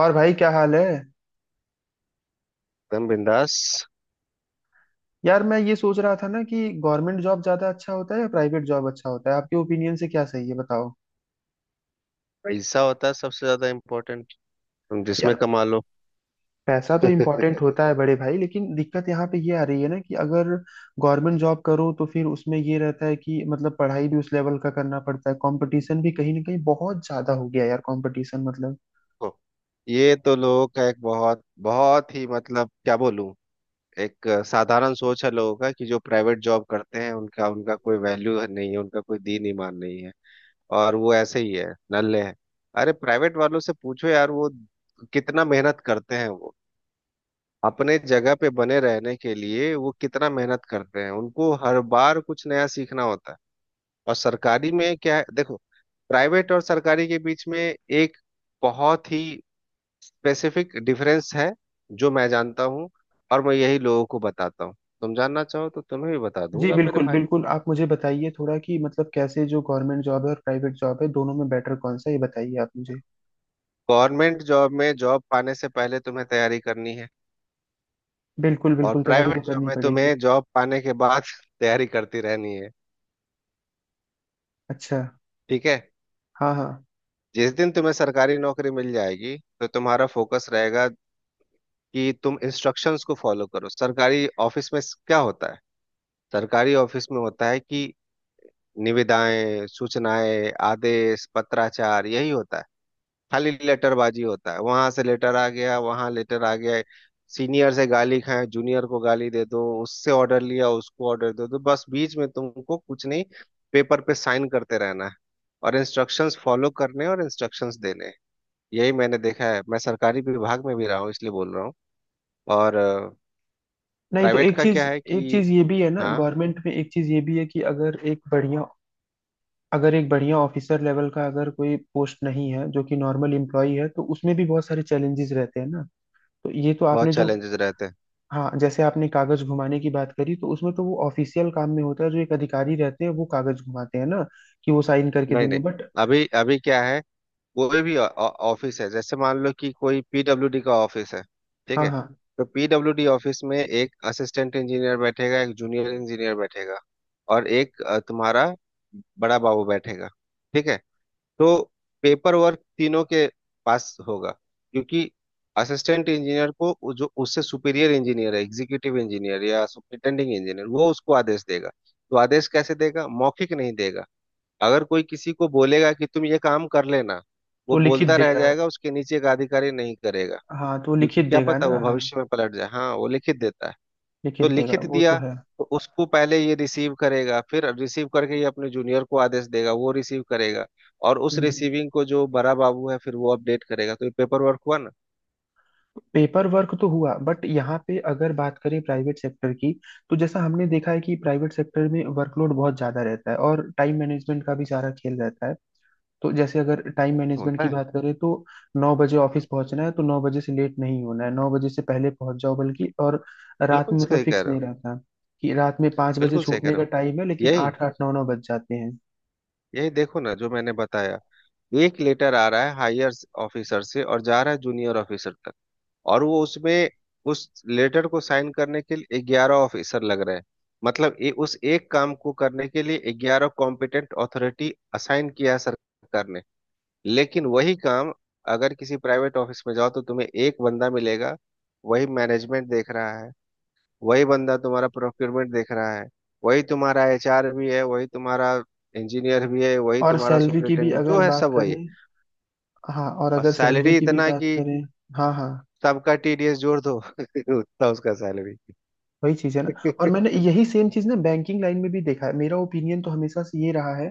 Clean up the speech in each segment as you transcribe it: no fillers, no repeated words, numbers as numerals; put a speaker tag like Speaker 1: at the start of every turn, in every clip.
Speaker 1: और भाई क्या हाल है।
Speaker 2: एकदम बिंदास।
Speaker 1: यार मैं ये सोच रहा था ना कि गवर्नमेंट जॉब ज्यादा अच्छा होता है या प्राइवेट जॉब अच्छा होता है, आपके ओपिनियन से क्या सही है बताओ।
Speaker 2: पैसा होता है सबसे ज्यादा इम्पोर्टेंट। तुम जिसमें
Speaker 1: यार
Speaker 2: कमा लो।
Speaker 1: पैसा तो इम्पोर्टेंट
Speaker 2: देखो,
Speaker 1: होता है बड़े भाई, लेकिन दिक्कत यहाँ पे ये आ रही है ना कि अगर गवर्नमेंट जॉब करो तो फिर उसमें ये रहता है कि मतलब पढ़ाई भी उस लेवल का करना पड़ता है, कंपटीशन भी कहीं ना कहीं बहुत ज्यादा हो गया यार, कंपटीशन मतलब।
Speaker 2: ये तो लोगों का एक बहुत बहुत ही क्या बोलूं, एक साधारण सोच है लोगों का कि जो प्राइवेट जॉब करते हैं उनका उनका कोई वैल्यू नहीं है, उनका कोई दीन ईमान नहीं है और वो ऐसे ही है, नल्ले हैं। अरे प्राइवेट वालों से पूछो यार, वो कितना मेहनत करते हैं, वो अपने जगह पे बने रहने के लिए वो कितना मेहनत करते हैं, उनको हर बार कुछ नया सीखना होता है। और सरकारी में क्या है, देखो, प्राइवेट और सरकारी के बीच में एक बहुत ही स्पेसिफिक डिफरेंस है जो मैं जानता हूँ और मैं यही लोगों को बताता हूँ। तुम जानना चाहो तो तुम्हें भी बता
Speaker 1: जी
Speaker 2: दूंगा मेरे
Speaker 1: बिल्कुल
Speaker 2: भाई।
Speaker 1: बिल्कुल, आप मुझे बताइए थोड़ा कि मतलब कैसे जो गवर्नमेंट जॉब है और प्राइवेट जॉब है दोनों में बेटर कौन सा है, ये बताइए आप मुझे।
Speaker 2: गवर्नमेंट जॉब में जॉब पाने से पहले तुम्हें तैयारी करनी है,
Speaker 1: बिल्कुल
Speaker 2: और
Speaker 1: बिल्कुल, तैयारी
Speaker 2: प्राइवेट
Speaker 1: तो
Speaker 2: जॉब
Speaker 1: करनी
Speaker 2: में
Speaker 1: पड़ेगी।
Speaker 2: तुम्हें जॉब पाने के बाद तैयारी करती रहनी है।
Speaker 1: अच्छा।
Speaker 2: ठीक है।
Speaker 1: हाँ हाँ।
Speaker 2: जिस दिन तुम्हें सरकारी नौकरी मिल जाएगी तो तुम्हारा फोकस रहेगा कि तुम इंस्ट्रक्शंस को फॉलो करो। सरकारी ऑफिस में क्या होता है? सरकारी ऑफिस में होता है कि निविदाएं, सूचनाएं, आदेश, पत्राचार, यही होता है। खाली लेटरबाजी होता है। वहां से लेटर आ गया, वहां लेटर आ गया। सीनियर से गाली खाए, जूनियर को गाली दे दो, उससे ऑर्डर लिया, उसको ऑर्डर दे दो, बस बीच में तुमको कुछ नहीं। पेपर पे साइन करते रहना है और इंस्ट्रक्शंस फॉलो करने और इंस्ट्रक्शंस देने हैं। यही मैंने देखा है, मैं सरकारी विभाग में भी रहा हूँ इसलिए बोल रहा हूँ। और
Speaker 1: नहीं तो
Speaker 2: प्राइवेट का क्या है
Speaker 1: एक
Speaker 2: कि
Speaker 1: चीज ये भी है ना,
Speaker 2: हाँ,
Speaker 1: गवर्नमेंट में एक चीज ये भी है कि अगर एक बढ़िया ऑफिसर लेवल का अगर कोई पोस्ट नहीं है जो कि नॉर्मल एम्प्लॉई है, तो उसमें भी बहुत सारे चैलेंजेस रहते हैं ना। तो ये तो
Speaker 2: बहुत
Speaker 1: आपने जो,
Speaker 2: चैलेंजेस रहते हैं।
Speaker 1: हाँ जैसे आपने कागज घुमाने की बात करी, तो उसमें तो वो ऑफिशियल काम में होता है, जो एक अधिकारी रहते हैं वो कागज घुमाते हैं ना कि वो साइन करके
Speaker 2: नहीं
Speaker 1: देंगे,
Speaker 2: नहीं
Speaker 1: बट
Speaker 2: अभी अभी क्या है, कोई भी ऑफिस है, जैसे मान लो कि कोई पीडब्ल्यूडी का ऑफिस है। ठीक
Speaker 1: हाँ
Speaker 2: है।
Speaker 1: हाँ।
Speaker 2: तो पीडब्ल्यूडी ऑफिस में एक असिस्टेंट इंजीनियर बैठेगा, एक जूनियर इंजीनियर बैठेगा और एक तुम्हारा बड़ा बाबू बैठेगा। ठीक है। तो पेपर वर्क तीनों के पास होगा, क्योंकि असिस्टेंट इंजीनियर को वो जो उससे सुपीरियर इंजीनियर है, एग्जीक्यूटिव इंजीनियर या सुपरिटेंडिंग इंजीनियर, वो उसको आदेश देगा। तो आदेश कैसे देगा? मौखिक नहीं देगा। अगर कोई किसी को बोलेगा कि तुम ये काम कर लेना, वो
Speaker 1: तो लिखित
Speaker 2: बोलता रह
Speaker 1: देगा
Speaker 2: जाएगा, उसके नीचे का अधिकारी नहीं करेगा,
Speaker 1: हाँ तो
Speaker 2: क्योंकि
Speaker 1: लिखित
Speaker 2: क्या
Speaker 1: देगा
Speaker 2: पता
Speaker 1: ना,
Speaker 2: वो
Speaker 1: हाँ।
Speaker 2: भविष्य में पलट जाए। हाँ, वो लिखित देता है।
Speaker 1: लिखित
Speaker 2: तो
Speaker 1: देगा
Speaker 2: लिखित
Speaker 1: वो तो
Speaker 2: दिया
Speaker 1: है।
Speaker 2: तो उसको पहले ये रिसीव करेगा, फिर रिसीव करके ये अपने जूनियर को आदेश देगा, वो रिसीव करेगा, और उस
Speaker 1: हम्म हम्म।
Speaker 2: रिसीविंग को जो बड़ा बाबू है फिर वो अपडेट करेगा। तो ये पेपर वर्क हुआ ना।
Speaker 1: पेपर वर्क तो हुआ, बट यहाँ पे अगर बात करें प्राइवेट सेक्टर की, तो जैसा हमने देखा है कि प्राइवेट सेक्टर में वर्कलोड बहुत ज्यादा रहता है और टाइम मैनेजमेंट का भी सारा खेल रहता है। तो जैसे अगर टाइम मैनेजमेंट
Speaker 2: होता
Speaker 1: की
Speaker 2: है।
Speaker 1: बात करें, तो नौ बजे ऑफिस पहुंचना है तो नौ बजे से लेट नहीं होना है, नौ बजे से पहले पहुंच जाओ बल्कि, और रात
Speaker 2: बिल्कुल
Speaker 1: में मतलब
Speaker 2: सही कह
Speaker 1: फिक्स
Speaker 2: रहे हो।
Speaker 1: नहीं रहता कि रात में पाँच बजे
Speaker 2: बिल्कुल सही कह
Speaker 1: छूटने
Speaker 2: रहे
Speaker 1: का
Speaker 2: हो।
Speaker 1: टाइम है लेकिन
Speaker 2: यही
Speaker 1: आठ आठ नौ नौ बज जाते हैं।
Speaker 2: यही देखो ना, जो मैंने बताया, एक लेटर आ रहा है हायर ऑफिसर से और जा रहा है जूनियर ऑफिसर तक, और वो उसमें उस लेटर को साइन करने के लिए 11 ऑफिसर लग रहे हैं। मतलब ये उस एक काम को करने के लिए ग्यारह कॉम्पिटेंट अथॉरिटी असाइन किया है सरकार ने। लेकिन वही काम अगर किसी प्राइवेट ऑफिस में जाओ तो तुम्हें एक बंदा मिलेगा, वही मैनेजमेंट देख रहा है, वही बंदा तुम्हारा प्रोक्योरमेंट देख रहा है, वही तुम्हारा एचआर भी है, वही तुम्हारा इंजीनियर भी है, वही
Speaker 1: और
Speaker 2: तुम्हारा
Speaker 1: सैलरी की भी
Speaker 2: सुपरिटेंडेंट
Speaker 1: अगर
Speaker 2: जो है,
Speaker 1: बात
Speaker 2: सब
Speaker 1: करें,
Speaker 2: वही।
Speaker 1: हाँ और
Speaker 2: और
Speaker 1: अगर सैलरी
Speaker 2: सैलरी
Speaker 1: की भी
Speaker 2: इतना
Speaker 1: बात
Speaker 2: कि
Speaker 1: करें। हाँ हाँ।
Speaker 2: सबका टीडीएस जोड़ दो उतना उसका सैलरी।
Speaker 1: वही चीज है ना। और मैंने यही सेम चीज ना बैंकिंग लाइन में भी देखा है, मेरा ओपिनियन तो हमेशा से ये रहा है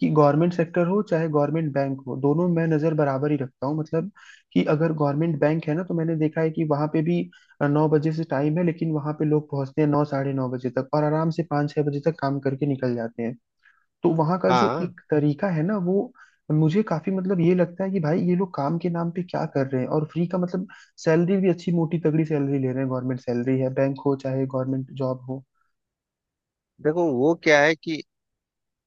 Speaker 1: कि गवर्नमेंट सेक्टर हो चाहे गवर्नमेंट बैंक हो, दोनों मैं नजर बराबर ही रखता हूँ। मतलब कि अगर गवर्नमेंट बैंक है ना तो मैंने देखा है कि वहां पे भी नौ बजे से टाइम है, लेकिन वहां पे लोग पहुंचते हैं नौ साढ़े नौ बजे तक, और आराम से पाँच छह बजे तक काम करके निकल जाते हैं। तो वहां का जो
Speaker 2: हाँ।
Speaker 1: एक तरीका है ना वो मुझे काफी मतलब ये लगता है कि भाई ये लोग काम के नाम पे क्या कर रहे हैं, और फ्री का मतलब सैलरी भी अच्छी, मोटी तगड़ी सैलरी ले रहे हैं, गवर्नमेंट सैलरी है, बैंक हो चाहे गवर्नमेंट जॉब हो।
Speaker 2: देखो, वो क्या है कि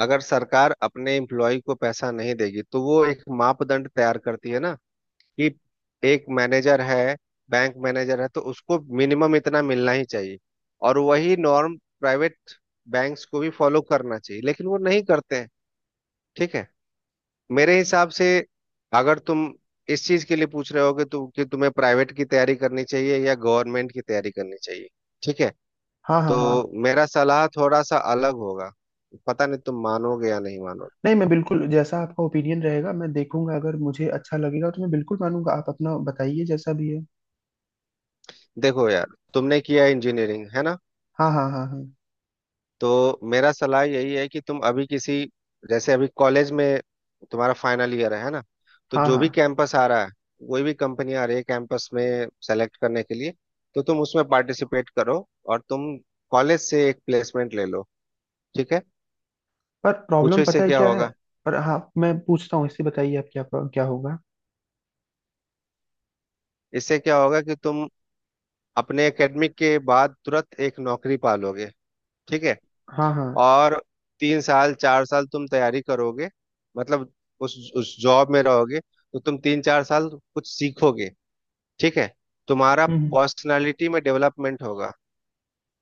Speaker 2: अगर सरकार अपने एम्प्लॉय को पैसा नहीं देगी तो वो एक मापदंड तैयार करती है ना, कि एक मैनेजर है, बैंक मैनेजर है, तो उसको मिनिमम इतना मिलना ही चाहिए। और वही नॉर्म प्राइवेट बैंक्स को भी फॉलो करना चाहिए, लेकिन वो नहीं करते हैं। ठीक है। मेरे हिसाब से, अगर तुम इस चीज के लिए पूछ रहे हो कि, कि तुम्हें प्राइवेट की तैयारी करनी चाहिए या गवर्नमेंट की तैयारी करनी चाहिए, ठीक है,
Speaker 1: हाँ हाँ
Speaker 2: तो
Speaker 1: हाँ।
Speaker 2: मेरा सलाह थोड़ा सा अलग होगा। पता नहीं तुम मानोगे या नहीं मानोगे।
Speaker 1: नहीं मैं बिल्कुल, जैसा आपका ओपिनियन रहेगा मैं देखूंगा, अगर मुझे अच्छा लगेगा तो मैं बिल्कुल मानूंगा, आप अपना बताइए जैसा भी है।
Speaker 2: देखो यार, तुमने किया इंजीनियरिंग है ना,
Speaker 1: हाँ हाँ हाँ हाँ।
Speaker 2: तो मेरा सलाह यही है कि तुम अभी किसी, जैसे अभी कॉलेज में तुम्हारा फाइनल ईयर है ना, तो
Speaker 1: हाँ
Speaker 2: जो
Speaker 1: हाँ।
Speaker 2: भी कैंपस आ रहा है, कोई भी कंपनी आ रही है कैंपस में सेलेक्ट करने के लिए, तो तुम उसमें पार्टिसिपेट करो और तुम कॉलेज से एक प्लेसमेंट ले लो। ठीक है।
Speaker 1: पर
Speaker 2: पूछो
Speaker 1: प्रॉब्लम पता
Speaker 2: इससे
Speaker 1: है
Speaker 2: क्या
Speaker 1: क्या है?
Speaker 2: होगा।
Speaker 1: पर हाँ, मैं पूछता हूँ इससे, बताइए आप क्या, क्या होगा?
Speaker 2: इससे क्या होगा कि तुम अपने एकेडमिक के बाद तुरंत एक नौकरी पा लोगे। ठीक है।
Speaker 1: हाँ हाँ।
Speaker 2: और 3 साल 4 साल तुम तैयारी करोगे, मतलब उस जॉब में रहोगे तो तुम 3 4 साल कुछ सीखोगे। ठीक है। तुम्हारा
Speaker 1: हम्म।
Speaker 2: पर्सनालिटी में डेवलपमेंट होगा,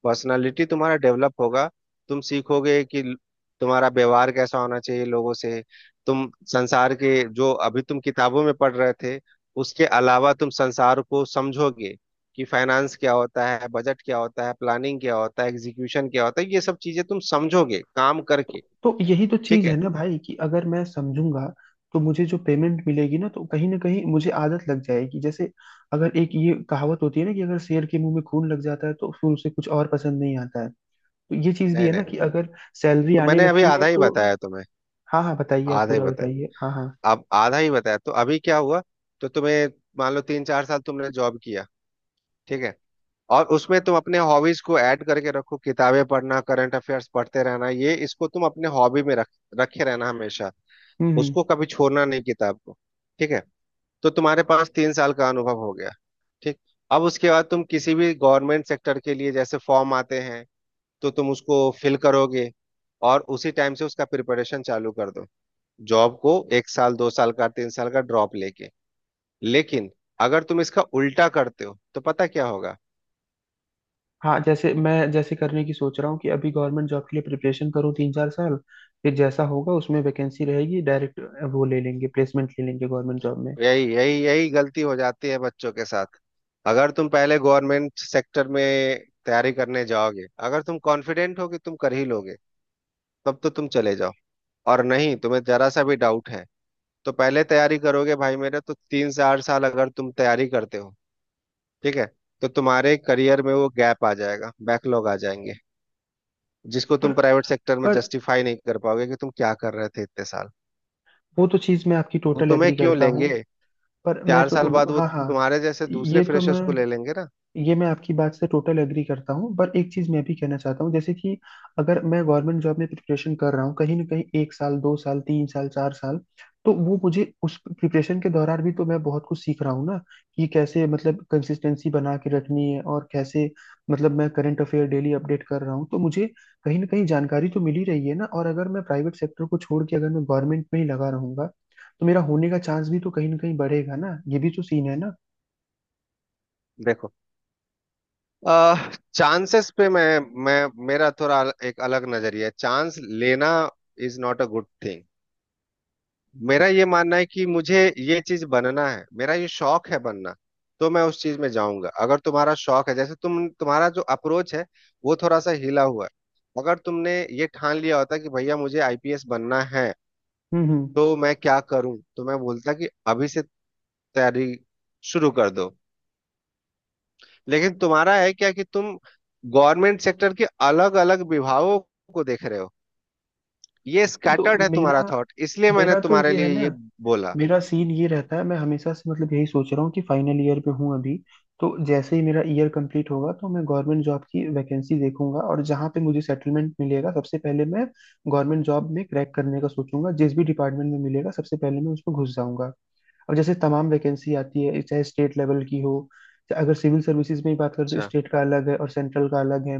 Speaker 2: पर्सनालिटी तुम्हारा डेवलप होगा। तुम सीखोगे कि तुम्हारा व्यवहार कैसा होना चाहिए लोगों से। तुम संसार के, जो अभी तुम किताबों में पढ़ रहे थे उसके अलावा, तुम संसार को समझोगे कि फाइनेंस क्या होता है, बजट क्या होता है, प्लानिंग क्या होता है, एग्जीक्यूशन क्या होता है, ये सब चीजें तुम समझोगे काम करके।
Speaker 1: तो यही तो
Speaker 2: ठीक
Speaker 1: चीज है
Speaker 2: है।
Speaker 1: ना भाई, कि अगर मैं समझूंगा तो मुझे जो पेमेंट मिलेगी ना, तो कहीं ना कहीं मुझे आदत लग जाएगी। जैसे अगर एक ये कहावत होती है ना कि अगर शेर के मुंह में खून लग जाता है तो फिर उसे कुछ और पसंद नहीं आता है, तो ये चीज भी
Speaker 2: नहीं
Speaker 1: है
Speaker 2: नहीं
Speaker 1: ना
Speaker 2: नहीं।
Speaker 1: कि अगर सैलरी
Speaker 2: तो
Speaker 1: आने
Speaker 2: मैंने अभी
Speaker 1: लगती है
Speaker 2: आधा ही
Speaker 1: तो।
Speaker 2: बताया तुम्हें।
Speaker 1: हाँ हाँ, बताइए आप
Speaker 2: आधा ही
Speaker 1: पूरा
Speaker 2: बताया।
Speaker 1: बताइए, हाँ हाँ।
Speaker 2: अब आधा ही बताया तो अभी क्या हुआ, तो तुम्हें, मान लो 3 4 साल तुमने जॉब किया, ठीक है, और उसमें तुम अपने हॉबीज को ऐड करके रखो, किताबें पढ़ना, करंट अफेयर्स पढ़ते रहना, ये इसको तुम अपने हॉबी में रख रखे रहना हमेशा।
Speaker 1: हम्म हम्म
Speaker 2: उसको कभी छोड़ना नहीं, किताब को। ठीक है। तो तुम्हारे पास 3 साल का अनुभव हो गया। ठीक। अब उसके बाद तुम किसी भी गवर्नमेंट सेक्टर के लिए, जैसे फॉर्म आते हैं, तो तुम उसको फिल करोगे और उसी टाइम से उसका प्रिपरेशन चालू कर दो, जॉब को 1 साल 2 साल का 3 साल का ड्रॉप लेके। लेकिन अगर तुम इसका उल्टा करते हो तो पता क्या होगा?
Speaker 1: हाँ जैसे करने की सोच रहा हूँ कि अभी गवर्नमेंट जॉब के लिए प्रिपरेशन करूँ तीन चार साल, फिर जैसा होगा उसमें वैकेंसी रहेगी डायरेक्ट, वो ले लेंगे, प्लेसमेंट ले लेंगे गवर्नमेंट जॉब में।
Speaker 2: यही यही यही गलती हो जाती है बच्चों के साथ। अगर तुम पहले गवर्नमेंट सेक्टर में तैयारी करने जाओगे, अगर तुम कॉन्फिडेंट हो कि तुम कर ही लोगे, तब तो तुम चले जाओ, और नहीं, तुम्हें जरा सा भी डाउट है तो पहले तैयारी करोगे भाई मेरे तो 3 से 8 साल, अगर तुम तैयारी करते हो, ठीक है, तो तुम्हारे करियर में वो गैप आ जाएगा, बैकलॉग आ जाएंगे, जिसको
Speaker 1: पर
Speaker 2: तुम प्राइवेट सेक्टर में
Speaker 1: पर
Speaker 2: जस्टिफाई नहीं कर पाओगे कि तुम क्या कर रहे थे इतने साल।
Speaker 1: वो तो चीज मैं आपकी
Speaker 2: वो
Speaker 1: टोटल
Speaker 2: तुम्हें
Speaker 1: एग्री
Speaker 2: क्यों
Speaker 1: करता
Speaker 2: लेंगे?
Speaker 1: हूँ, पर मैं
Speaker 2: चार साल
Speaker 1: तो,
Speaker 2: बाद वो
Speaker 1: हाँ हाँ।
Speaker 2: तुम्हारे जैसे दूसरे
Speaker 1: ये तो
Speaker 2: फ्रेशर्स
Speaker 1: मैं
Speaker 2: को ले लेंगे ना।
Speaker 1: ये मैं आपकी बात से टोटल एग्री करता हूँ, पर एक चीज मैं भी कहना चाहता हूँ जैसे कि अगर मैं गवर्नमेंट जॉब में प्रिपरेशन कर रहा हूँ कहीं ना कहीं एक साल दो साल तीन साल चार साल, तो वो मुझे उस प्रिपरेशन के दौरान भी तो मैं बहुत कुछ सीख रहा हूँ ना, कि कैसे मतलब कंसिस्टेंसी बना के रखनी है, और कैसे मतलब मैं करंट अफेयर डेली अपडेट कर रहा हूँ तो मुझे कहीं ना कहीं जानकारी तो मिल ही रही है ना। और अगर मैं प्राइवेट सेक्टर को छोड़ के अगर मैं गवर्नमेंट में ही लगा रहूंगा तो मेरा होने का चांस भी तो कहीं ना कहीं बढ़ेगा ना, ये भी तो सीन है ना।
Speaker 2: देखो, चांसेस पे मैं, मेरा थोड़ा एक अलग नजरिया है। चांस लेना is not a good thing. मेरा ये मानना है कि मुझे ये चीज बनना है, मेरा ये शौक है बनना, तो मैं उस चीज में जाऊंगा। अगर तुम्हारा शौक है, जैसे तुम्हारा जो अप्रोच है वो थोड़ा सा हिला हुआ है। अगर तुमने ये ठान लिया होता कि भैया मुझे आईपीएस बनना है,
Speaker 1: हम्म।
Speaker 2: तो मैं क्या करूं, तो मैं बोलता कि अभी से तैयारी शुरू कर दो। लेकिन तुम्हारा है क्या, कि तुम गवर्नमेंट सेक्टर के अलग अलग विभागों को देख रहे हो। ये
Speaker 1: नहीं तो
Speaker 2: स्कैटर्ड है
Speaker 1: मेरा
Speaker 2: तुम्हारा थॉट, इसलिए मैंने
Speaker 1: मेरा तो
Speaker 2: तुम्हारे
Speaker 1: ये है
Speaker 2: लिए
Speaker 1: ना,
Speaker 2: ये बोला।
Speaker 1: मेरा सीन ये रहता है, मैं हमेशा से मतलब यही सोच रहा हूँ कि फाइनल ईयर पे हूँ अभी, तो जैसे ही मेरा ईयर कंप्लीट होगा तो मैं गवर्नमेंट जॉब की वैकेंसी देखूंगा, और जहाँ पे मुझे सेटलमेंट मिलेगा सबसे पहले मैं गवर्नमेंट जॉब में क्रैक करने का सोचूंगा, जिस भी डिपार्टमेंट में मिलेगा सबसे पहले मैं उसमें घुस जाऊंगा। अब जैसे तमाम वैकेंसी आती है, चाहे स्टेट लेवल की हो, चाहे अगर सिविल सर्विसेज में ही बात करें तो
Speaker 2: अच्छा।
Speaker 1: स्टेट का अलग है और सेंट्रल का अलग है,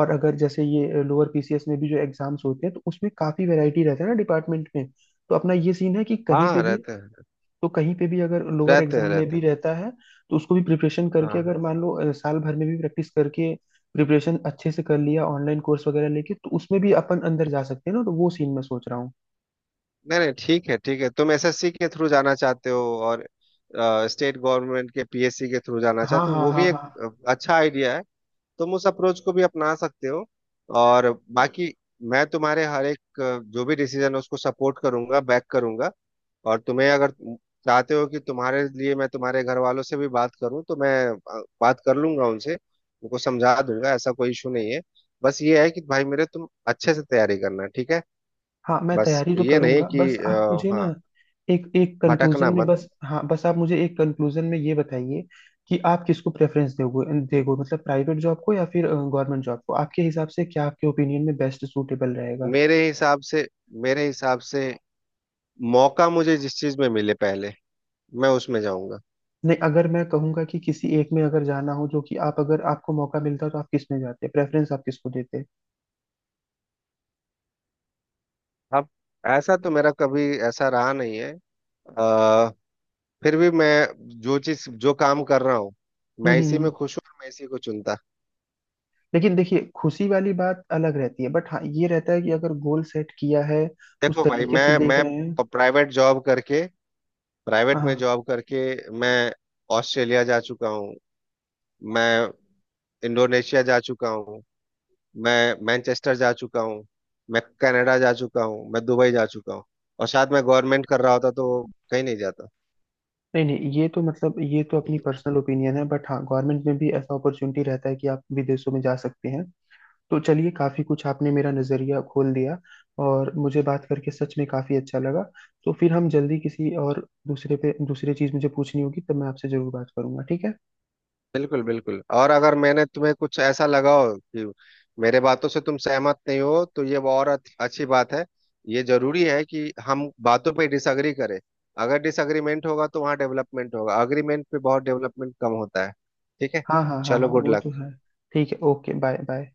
Speaker 1: और अगर जैसे ये लोअर पीसीएस में भी जो एग्जाम्स होते हैं तो उसमें काफी वैरायटी रहता है ना डिपार्टमेंट में। तो अपना ये सीन है कि
Speaker 2: हाँ,
Speaker 1: कहीं पे
Speaker 2: हाँ,
Speaker 1: भी
Speaker 2: रहते हैं।
Speaker 1: अगर लोअर
Speaker 2: रहते हैं
Speaker 1: एग्जाम में
Speaker 2: रहते
Speaker 1: भी
Speaker 2: हैं।
Speaker 1: रहता है तो उसको भी प्रिपरेशन
Speaker 2: हाँ,
Speaker 1: करके, अगर
Speaker 2: हाँ।
Speaker 1: मान लो साल भर में भी प्रैक्टिस करके प्रिपरेशन अच्छे से कर लिया, ऑनलाइन कोर्स वगैरह लेके, तो उसमें भी अपन अंदर जा सकते हैं ना, तो वो सीन मैं सोच रहा हूँ।
Speaker 2: नहीं नहीं, ठीक है ठीक है, तुम एसएससी के थ्रू जाना चाहते हो और स्टेट गवर्नमेंट के पीएससी के थ्रू जाना
Speaker 1: हाँ
Speaker 2: चाहते हो,
Speaker 1: हाँ
Speaker 2: वो भी
Speaker 1: हाँ
Speaker 2: एक
Speaker 1: हाँ।
Speaker 2: अच्छा आइडिया है। तुम उस अप्रोच को भी अपना सकते हो। और बाकी, मैं तुम्हारे हर एक जो भी डिसीजन है उसको सपोर्ट करूंगा, बैक करूंगा। और तुम्हें, अगर चाहते हो कि तुम्हारे लिए मैं तुम्हारे घर वालों से भी बात करूं, तो मैं बात कर लूंगा उनसे, उनको समझा दूंगा, ऐसा कोई इशू नहीं है। बस ये है कि भाई मेरे, तुम अच्छे से तैयारी करना, ठीक है,
Speaker 1: हाँ मैं
Speaker 2: बस
Speaker 1: तैयारी तो
Speaker 2: ये नहीं
Speaker 1: करूंगा,
Speaker 2: कि
Speaker 1: बस आप मुझे ना
Speaker 2: हाँ,
Speaker 1: एक, एक कंक्लूजन
Speaker 2: भटकना
Speaker 1: में
Speaker 2: मत।
Speaker 1: बस हाँ बस आप मुझे एक कंक्लूजन में ये बताइए कि आप किसको प्रेफरेंस दोगे, देगो मतलब, प्राइवेट जॉब को या फिर गवर्नमेंट जॉब को? आपके हिसाब से क्या, आपके ओपिनियन में बेस्ट सूटेबल रहेगा?
Speaker 2: मेरे हिसाब से, मेरे हिसाब से, मौका मुझे जिस चीज में मिले पहले, मैं उसमें जाऊंगा।
Speaker 1: नहीं अगर मैं कहूंगा कि किसी एक में अगर जाना हो, जो कि आप अगर आपको मौका मिलता तो आप किस में जाते, प्रेफरेंस आप किसको देते?
Speaker 2: अब ऐसा तो मेरा कभी ऐसा रहा नहीं है। अ, फिर भी मैं, जो चीज, जो काम कर रहा हूँ, मैं इसी
Speaker 1: हम्म।
Speaker 2: में खुश हूँ और मैं इसी को चुनता।
Speaker 1: लेकिन देखिए खुशी वाली बात अलग रहती है, बट हाँ ये रहता है कि अगर गोल सेट किया है उस
Speaker 2: देखो भाई,
Speaker 1: तरीके से
Speaker 2: मैं
Speaker 1: देख
Speaker 2: मैं
Speaker 1: रहे हैं।
Speaker 2: प्राइवेट जॉब करके प्राइवेट में
Speaker 1: हाँ।
Speaker 2: जॉब करके मैं ऑस्ट्रेलिया जा चुका हूँ, मैं इंडोनेशिया जा चुका हूँ, मैं मैनचेस्टर जा चुका हूँ, मैं कनाडा जा चुका हूँ, मैं दुबई जा चुका हूँ। और साथ में गवर्नमेंट कर रहा होता तो कहीं नहीं जाता।
Speaker 1: नहीं नहीं, ये तो मतलब ये तो अपनी पर्सनल ओपिनियन है, बट हाँ गवर्नमेंट में भी ऐसा अपॉर्चुनिटी रहता है कि आप विदेशों में जा सकते हैं। तो चलिए, काफी कुछ आपने मेरा नजरिया खोल दिया, और मुझे बात करके सच में काफी अच्छा लगा। तो फिर हम जल्दी किसी और दूसरे पे, दूसरी चीज मुझे पूछनी होगी तब मैं आपसे जरूर बात करूंगा, ठीक है।
Speaker 2: बिल्कुल बिल्कुल। और अगर मैंने, तुम्हें कुछ ऐसा लगा हो कि मेरे बातों से तुम सहमत नहीं हो, तो ये और अच्छी बात है। ये जरूरी है कि हम बातों पे डिसअग्री करें। अगर डिसअग्रीमेंट होगा तो वहाँ डेवलपमेंट होगा, अग्रीमेंट पे बहुत डेवलपमेंट कम होता है। ठीक है।
Speaker 1: हाँ हाँ हाँ
Speaker 2: चलो,
Speaker 1: हाँ,
Speaker 2: गुड
Speaker 1: वो तो
Speaker 2: लक।
Speaker 1: है। ठीक है, ओके, बाय बाय।